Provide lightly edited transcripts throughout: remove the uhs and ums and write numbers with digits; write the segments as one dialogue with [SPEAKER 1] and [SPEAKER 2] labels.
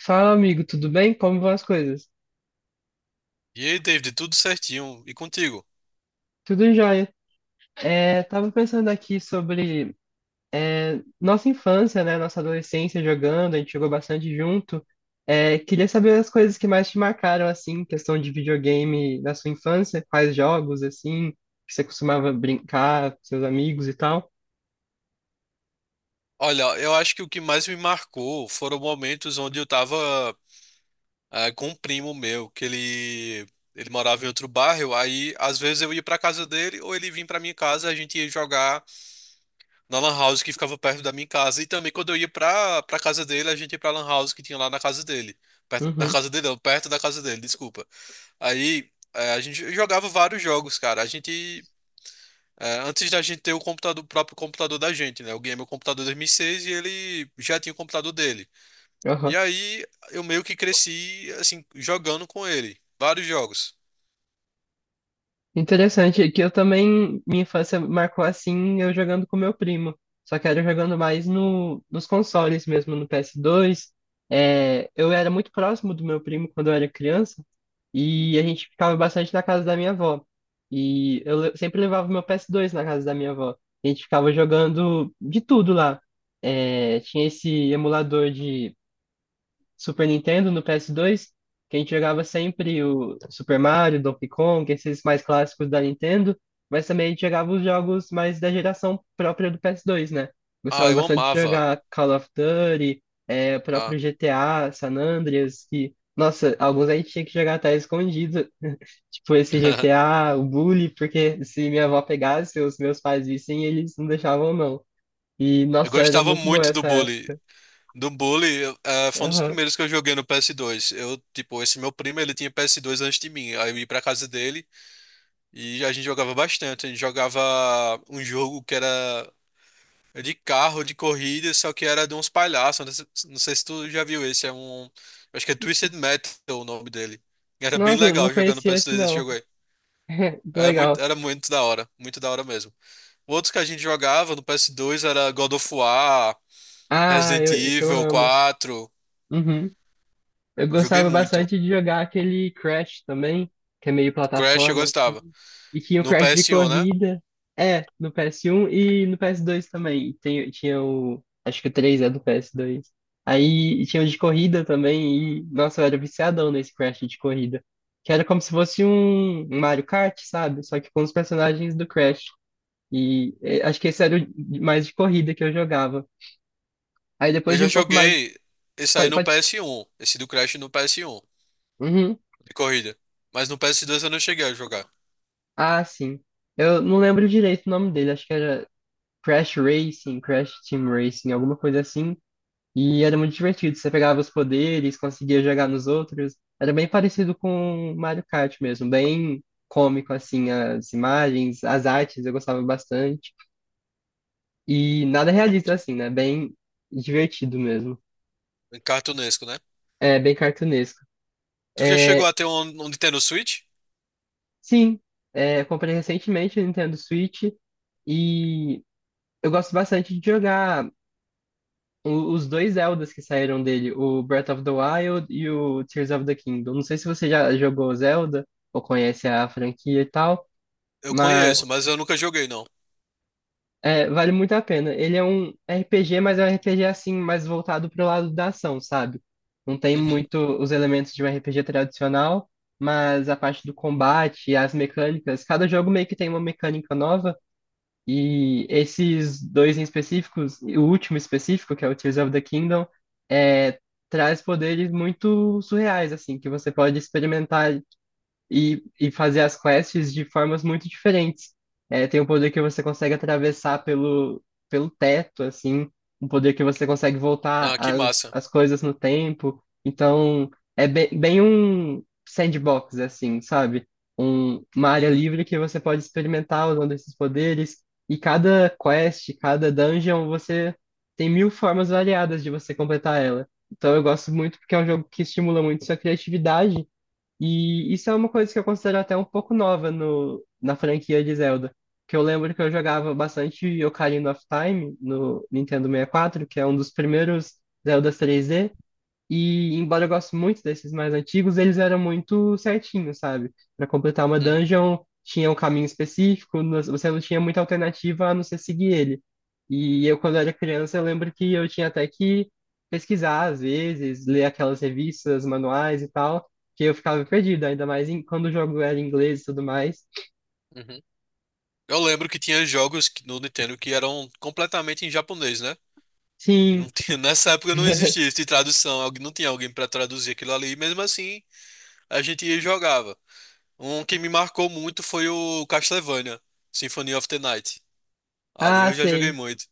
[SPEAKER 1] Fala, amigo, tudo bem? Como vão as coisas?
[SPEAKER 2] E aí, David, tudo certinho? E contigo?
[SPEAKER 1] Tudo jóia. É, tava pensando aqui sobre nossa infância, né? Nossa adolescência jogando, a gente jogou bastante junto. É, queria saber as coisas que mais te marcaram, assim, questão de videogame da sua infância, quais jogos, assim, que você costumava brincar com seus amigos e tal.
[SPEAKER 2] Olha, eu acho que o que mais me marcou foram momentos onde eu tava com um primo meu, que ele morava em outro bairro, aí às vezes eu ia pra casa dele ou ele vinha pra minha casa, a gente ia jogar na lan house que ficava perto da minha casa. E também quando eu ia pra casa dele, a gente ia pra lan house que tinha lá na casa dele. Perto, na
[SPEAKER 1] Uhum,
[SPEAKER 2] casa dele, não, perto da casa dele, desculpa. Aí, a gente jogava vários jogos, cara. Antes da gente ter o computador, o próprio computador da gente, né? Eu ganhei meu computador em 2006 e seis e ele já tinha o computador dele. E
[SPEAKER 1] aham.
[SPEAKER 2] aí eu meio que cresci, assim, jogando com ele. Vários jogos.
[SPEAKER 1] Interessante, é que eu também, minha infância marcou assim, eu jogando com meu primo. Só que era jogando mais no, nos consoles mesmo, no PS2. É, eu era muito próximo do meu primo quando eu era criança e a gente ficava bastante na casa da minha avó. E eu le- sempre levava meu PS2 na casa da minha avó. A gente ficava jogando de tudo lá. É, tinha esse emulador Super Nintendo, no PS2, que a gente jogava sempre o Super Mario, Donkey Kong, esses mais clássicos da Nintendo, mas também a gente jogava os jogos mais da geração própria do PS2, né?
[SPEAKER 2] Ah,
[SPEAKER 1] Gostava
[SPEAKER 2] eu
[SPEAKER 1] bastante de
[SPEAKER 2] amava.
[SPEAKER 1] jogar Call of Duty, é, o
[SPEAKER 2] Ah.
[SPEAKER 1] próprio GTA, San Andreas, que, nossa, alguns a gente tinha que jogar até escondido, tipo esse GTA, o Bully, porque se minha avó pegasse, os meus pais vissem, eles não deixavam não. E,
[SPEAKER 2] Eu
[SPEAKER 1] nossa, era
[SPEAKER 2] gostava
[SPEAKER 1] muito boa
[SPEAKER 2] muito do
[SPEAKER 1] essa
[SPEAKER 2] Bully.
[SPEAKER 1] época.
[SPEAKER 2] Do Bully, foi um dos
[SPEAKER 1] Aham.
[SPEAKER 2] primeiros que eu joguei no PS2. Eu, tipo, esse meu primo, ele tinha PS2 antes de mim. Aí eu ia pra casa dele e a gente jogava bastante. A gente jogava um jogo que era de carro, de corrida, só que era de uns palhaços. Não sei se tu já viu esse, é um. Acho que é Twisted Metal o nome dele. Era bem
[SPEAKER 1] Nossa, não
[SPEAKER 2] legal jogando no
[SPEAKER 1] conhecia esse
[SPEAKER 2] PS2 esse
[SPEAKER 1] não.
[SPEAKER 2] jogo aí.
[SPEAKER 1] Que
[SPEAKER 2] Era muito,
[SPEAKER 1] legal.
[SPEAKER 2] era muito da hora, muito da hora mesmo. Outros que a gente jogava no PS2 era God of War,
[SPEAKER 1] Ah,
[SPEAKER 2] Resident
[SPEAKER 1] eu, isso eu
[SPEAKER 2] Evil
[SPEAKER 1] amo.
[SPEAKER 2] 4.
[SPEAKER 1] Uhum. Eu
[SPEAKER 2] Joguei
[SPEAKER 1] gostava
[SPEAKER 2] muito.
[SPEAKER 1] bastante de jogar aquele Crash também, que é meio
[SPEAKER 2] Crash eu
[SPEAKER 1] plataforma, assim.
[SPEAKER 2] gostava.
[SPEAKER 1] E tinha o
[SPEAKER 2] No
[SPEAKER 1] Crash de
[SPEAKER 2] PS1, né?
[SPEAKER 1] corrida. É, no PS1 e no PS2 também. Tem, tinha o. Acho que o 3 é do PS2. Aí tinha o de corrida também. E, nossa, eu era viciadão nesse Crash de corrida. Que era como se fosse um Mario Kart, sabe? Só que com os personagens do Crash. E eh, acho que esse era o de- mais de corrida que eu jogava. Aí
[SPEAKER 2] Eu
[SPEAKER 1] depois de
[SPEAKER 2] já
[SPEAKER 1] um pouco mais.
[SPEAKER 2] joguei esse aí
[SPEAKER 1] Pode,
[SPEAKER 2] no
[SPEAKER 1] pode...
[SPEAKER 2] PS1. Esse do Crash no PS1,
[SPEAKER 1] Uhum.
[SPEAKER 2] de corrida. Mas no PS2 eu não cheguei a jogar.
[SPEAKER 1] Ah, sim. Eu não lembro direito o nome dele, acho que era Crash Racing, Crash Team Racing, alguma coisa assim. E era muito divertido, você pegava os poderes, conseguia jogar nos outros. Era bem parecido com Mario Kart mesmo, bem cômico, assim, as imagens, as artes, eu gostava bastante. E nada realista,
[SPEAKER 2] Tu-
[SPEAKER 1] assim, né? Bem divertido mesmo.
[SPEAKER 2] Cartunesco, né?
[SPEAKER 1] É, bem cartunesco.
[SPEAKER 2] Tu já chegou
[SPEAKER 1] É,
[SPEAKER 2] a ter um Nintendo Switch?
[SPEAKER 1] sim, é, eu comprei recentemente o Nintendo Switch e eu gosto bastante de jogar. O- os dois Zeldas que saíram dele, o Breath of the Wild e o Tears of the Kingdom. Não sei se você já jogou Zelda ou conhece a franquia e tal,
[SPEAKER 2] Eu
[SPEAKER 1] mas
[SPEAKER 2] conheço, mas eu nunca joguei, não.
[SPEAKER 1] é, vale muito a pena. Ele é um RPG, mas é um RPG assim, mais voltado pro lado da ação, sabe? Não tem
[SPEAKER 2] Uhum.
[SPEAKER 1] muito os elementos de um RPG tradicional, mas a parte do combate, as mecânicas, cada jogo meio que tem uma mecânica nova. E esses dois em específicos, e o último específico, que é o Tears of the Kingdom, é, traz poderes muito surreais, assim, que você pode experimentar e fazer as quests de formas muito diferentes. É, tem um poder que você consegue atravessar pelo, pelo teto, assim, um poder que você consegue voltar
[SPEAKER 2] Ah, que
[SPEAKER 1] as,
[SPEAKER 2] massa.
[SPEAKER 1] as coisas no tempo. Então, é bem, bem um sandbox, assim, sabe? Um, uma área
[SPEAKER 2] Uhum,
[SPEAKER 1] livre que você pode experimentar usando esses poderes. E cada quest, cada dungeon, você tem mil formas variadas de você completar ela. Então, eu gosto muito porque é um jogo que estimula muito sua criatividade e isso é uma coisa que eu considero até um pouco nova no, na franquia de Zelda. Que eu lembro que eu jogava bastante Ocarina of Time no Nintendo 64, que é um dos primeiros Zeldas 3D, e embora eu goste muito desses mais antigos, eles eram muito certinhos, sabe? Para completar uma
[SPEAKER 2] uhum,
[SPEAKER 1] dungeon, tinha um caminho específico, não- você não tinha muita alternativa a não ser seguir ele. E eu, quando era criança, eu lembro que eu tinha até que pesquisar, às vezes, ler aquelas revistas, manuais e tal, que eu ficava perdido, ainda mais em- quando o jogo era em inglês e tudo mais.
[SPEAKER 2] uhum. Eu lembro que tinha no Nintendo que eram completamente em japonês, né? E não
[SPEAKER 1] Sim,
[SPEAKER 2] tinha- nessa época não existia isso de tradução, não tinha alguém pra traduzir aquilo ali, e mesmo assim a gente ia e jogava. Um que me marcou muito foi o Castlevania, Symphony of the Night. Ali
[SPEAKER 1] ah,
[SPEAKER 2] eu já joguei
[SPEAKER 1] sei.
[SPEAKER 2] muito.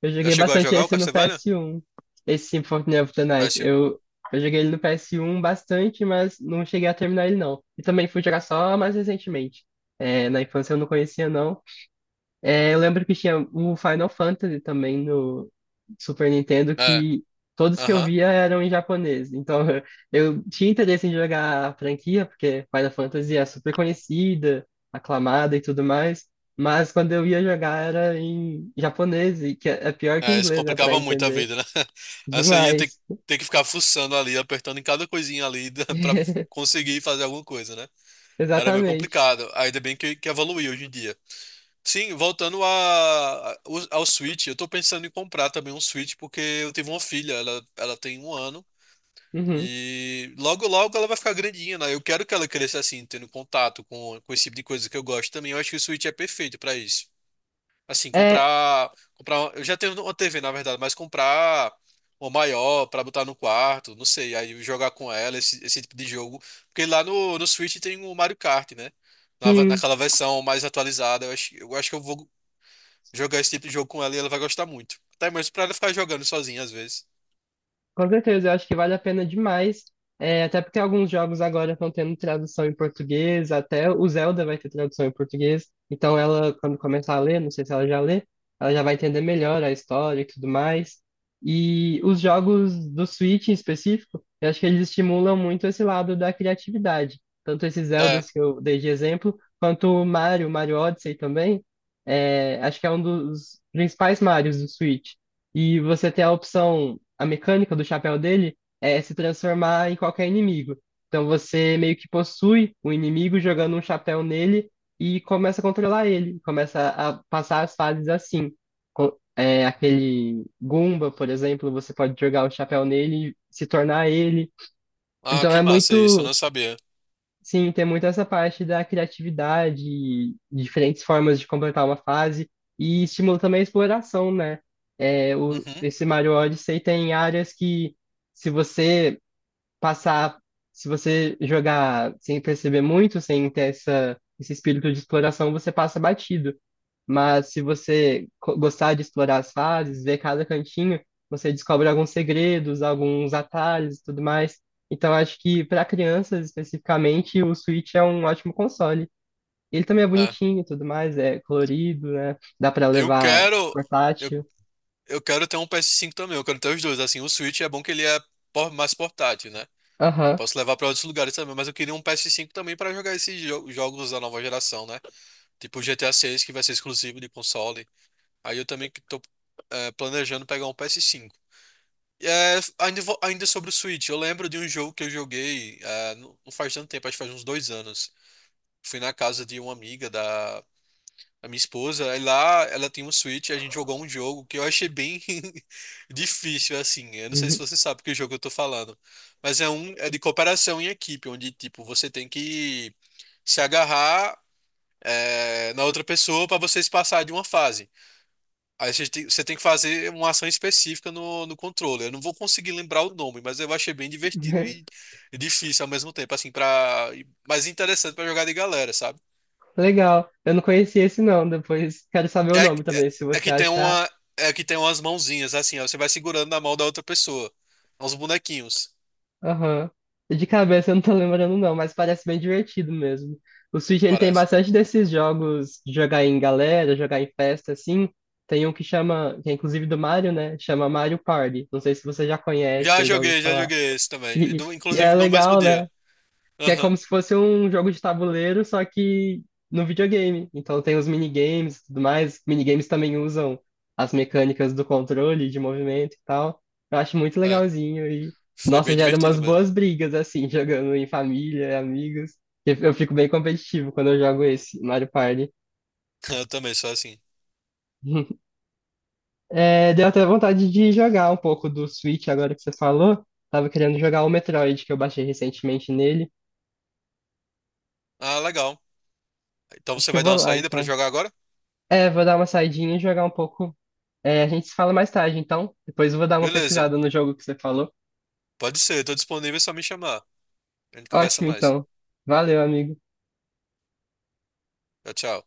[SPEAKER 1] Eu
[SPEAKER 2] Já
[SPEAKER 1] joguei
[SPEAKER 2] chegou a
[SPEAKER 1] bastante
[SPEAKER 2] jogar o
[SPEAKER 1] esse no
[SPEAKER 2] Castlevania?
[SPEAKER 1] PS1. Esse Symphony of the Night.
[SPEAKER 2] Péssimo.
[SPEAKER 1] Eu joguei ele no PS1 bastante, mas não cheguei a terminar ele, não. E também fui jogar só mais recentemente. É, na infância eu não conhecia, não. É, eu lembro que tinha um Final Fantasy também no Super Nintendo
[SPEAKER 2] É,
[SPEAKER 1] que todos que eu
[SPEAKER 2] aham.
[SPEAKER 1] via eram em japonês. Então eu tinha interesse em jogar a franquia, porque Final Fantasy é super conhecida, aclamada e tudo mais. Mas quando eu ia jogar era em japonês, e que é pior que
[SPEAKER 2] É, isso
[SPEAKER 1] inglês, né, pra
[SPEAKER 2] complicava muito a
[SPEAKER 1] entender.
[SPEAKER 2] vida, né? Aí você ia ter,
[SPEAKER 1] Demais.
[SPEAKER 2] ter que ficar fuçando ali, apertando em cada coisinha ali pra conseguir fazer alguma coisa, né? Era meio
[SPEAKER 1] Exatamente.
[SPEAKER 2] complicado. Ainda bem que evoluiu hoje em dia. Sim, voltando ao Switch, eu tô pensando em comprar também um Switch, porque eu tive uma filha, ela tem 1 ano,
[SPEAKER 1] Uhum.
[SPEAKER 2] e logo logo ela vai ficar grandinha, né? Eu quero que ela cresça assim, tendo contato com esse tipo de coisa que eu gosto também. Eu acho que o Switch é perfeito pra isso. Assim,
[SPEAKER 1] É,
[SPEAKER 2] comprar, eu já tenho uma TV, na verdade, mas comprar uma maior pra botar no quarto, não sei, aí jogar com ela esse tipo de jogo, porque lá no Switch tem o Mario Kart, né? Na,
[SPEAKER 1] sim.
[SPEAKER 2] naquela versão mais atualizada, eu acho que eu vou jogar esse tipo de jogo com ela e ela vai gostar muito. Até mesmo pra ela ficar jogando sozinha às vezes.
[SPEAKER 1] Com certeza, eu acho que vale a pena demais. É, até porque alguns jogos agora estão tendo tradução em português, até o Zelda vai ter tradução em português. Então ela, quando começar a ler, não sei se ela já lê, ela já vai entender melhor a história e tudo mais. E os jogos do Switch em específico, eu acho que eles estimulam muito esse lado da criatividade. Tanto esses
[SPEAKER 2] É.
[SPEAKER 1] Zeldas que eu dei de exemplo, quanto o Mario, Mario Odyssey também. É, acho que é um dos principais Marios do Switch. E você tem a opção a mecânica do chapéu dele é se transformar em qualquer inimigo. Então você meio que possui o inimigo jogando um chapéu nele e começa a controlar ele, começa a passar as fases assim. Co- É, aquele Goomba, por exemplo, você pode jogar o chapéu nele e se tornar ele.
[SPEAKER 2] Ah,
[SPEAKER 1] Então
[SPEAKER 2] que
[SPEAKER 1] é
[SPEAKER 2] massa isso, eu
[SPEAKER 1] muito.
[SPEAKER 2] não sabia.
[SPEAKER 1] Sim, tem muito essa parte da criatividade, diferentes formas de completar uma fase e estimula também a exploração, né? É, o,
[SPEAKER 2] Uhum,
[SPEAKER 1] esse Mario Odyssey tem áreas que, se você passar, se você jogar sem perceber muito, sem ter essa, esse espírito de exploração, você passa batido. Mas se você co- gostar de explorar as fases, ver cada cantinho, você descobre alguns segredos, alguns atalhos e tudo mais. Então acho que para crianças especificamente, o Switch é um ótimo console. Ele também é
[SPEAKER 2] é.
[SPEAKER 1] bonitinho e tudo mais, é colorido, né? Dá para
[SPEAKER 2] Eu
[SPEAKER 1] levar
[SPEAKER 2] quero eu,
[SPEAKER 1] portátil.
[SPEAKER 2] eu quero ter um PS5 também, eu quero ter os dois, assim, o Switch é bom que ele é mais portátil, né? Eu
[SPEAKER 1] Aham.
[SPEAKER 2] posso levar pra outros lugares também, mas eu queria um PS5 também pra jogar esses jogos da nova geração, né? Tipo o GTA 6, que vai ser exclusivo de console. Aí eu também que tô planejando pegar um PS5. Ainda sobre o Switch, eu lembro de um jogo que eu joguei não faz tanto tempo, acho que faz uns 2 anos. Fui na casa de uma amiga da a minha esposa, aí lá, ela tem um Switch, a gente jogou um jogo que eu achei bem difícil, assim. Eu não sei se você sabe que jogo eu tô falando. Mas é de cooperação em equipe, onde, tipo, você tem que se agarrar na outra pessoa para vocês passar de uma fase. Aí você tem que fazer uma ação específica no controle. Eu não vou conseguir lembrar o nome, mas eu achei bem divertido e difícil ao mesmo tempo, assim, mas interessante para jogar de galera, sabe?
[SPEAKER 1] Legal. Eu não conhecia esse não, depois quero saber o
[SPEAKER 2] É,
[SPEAKER 1] nome
[SPEAKER 2] é,
[SPEAKER 1] também, se
[SPEAKER 2] é
[SPEAKER 1] você
[SPEAKER 2] que tem
[SPEAKER 1] achar.
[SPEAKER 2] uma, é que tem umas mãozinhas assim, ó, você vai segurando na mão da outra pessoa. É. Uns bonequinhos,
[SPEAKER 1] Aham. De cabeça eu não tô lembrando, não, mas parece bem divertido mesmo. O Switch ele tem
[SPEAKER 2] parece.
[SPEAKER 1] bastante desses jogos de jogar em galera, jogar em festa, assim. Tem um que chama, que é inclusive do Mario, né? Chama Mario Party. Não sei se você já conhece
[SPEAKER 2] Já
[SPEAKER 1] ou já ouviu
[SPEAKER 2] joguei, já
[SPEAKER 1] falar.
[SPEAKER 2] joguei esse também.
[SPEAKER 1] E, e é
[SPEAKER 2] Inclusive no mesmo
[SPEAKER 1] legal,
[SPEAKER 2] dia.
[SPEAKER 1] né? Que é
[SPEAKER 2] Aham.
[SPEAKER 1] como se fosse um jogo de tabuleiro, só que no videogame. Então tem os minigames e tudo mais. Minigames também usam as mecânicas do controle, de movimento e tal. Eu acho muito
[SPEAKER 2] É,
[SPEAKER 1] legalzinho e,
[SPEAKER 2] foi
[SPEAKER 1] nossa,
[SPEAKER 2] bem
[SPEAKER 1] gera
[SPEAKER 2] divertido
[SPEAKER 1] umas
[SPEAKER 2] mesmo.
[SPEAKER 1] boas brigas, assim, jogando em família, amigos. Eu fico bem competitivo quando eu jogo esse Mario Party.
[SPEAKER 2] Eu também sou assim.
[SPEAKER 1] É, deu até vontade de jogar um pouco do Switch agora que você falou. Tava querendo jogar o Metroid, que eu baixei recentemente nele.
[SPEAKER 2] Ah, legal. Então
[SPEAKER 1] Acho
[SPEAKER 2] você
[SPEAKER 1] que eu
[SPEAKER 2] vai dar
[SPEAKER 1] vou
[SPEAKER 2] uma
[SPEAKER 1] lá,
[SPEAKER 2] saída pra
[SPEAKER 1] então.
[SPEAKER 2] jogar agora?
[SPEAKER 1] É, vou dar uma saidinha e jogar um pouco. É, a gente se fala mais tarde, então. Depois eu vou dar uma
[SPEAKER 2] Beleza.
[SPEAKER 1] pesquisada no jogo que você falou.
[SPEAKER 2] Pode ser, tô disponível, é só me chamar. A gente conversa
[SPEAKER 1] Ótimo,
[SPEAKER 2] mais.
[SPEAKER 1] então. Valeu, amigo.
[SPEAKER 2] Tchau, tchau.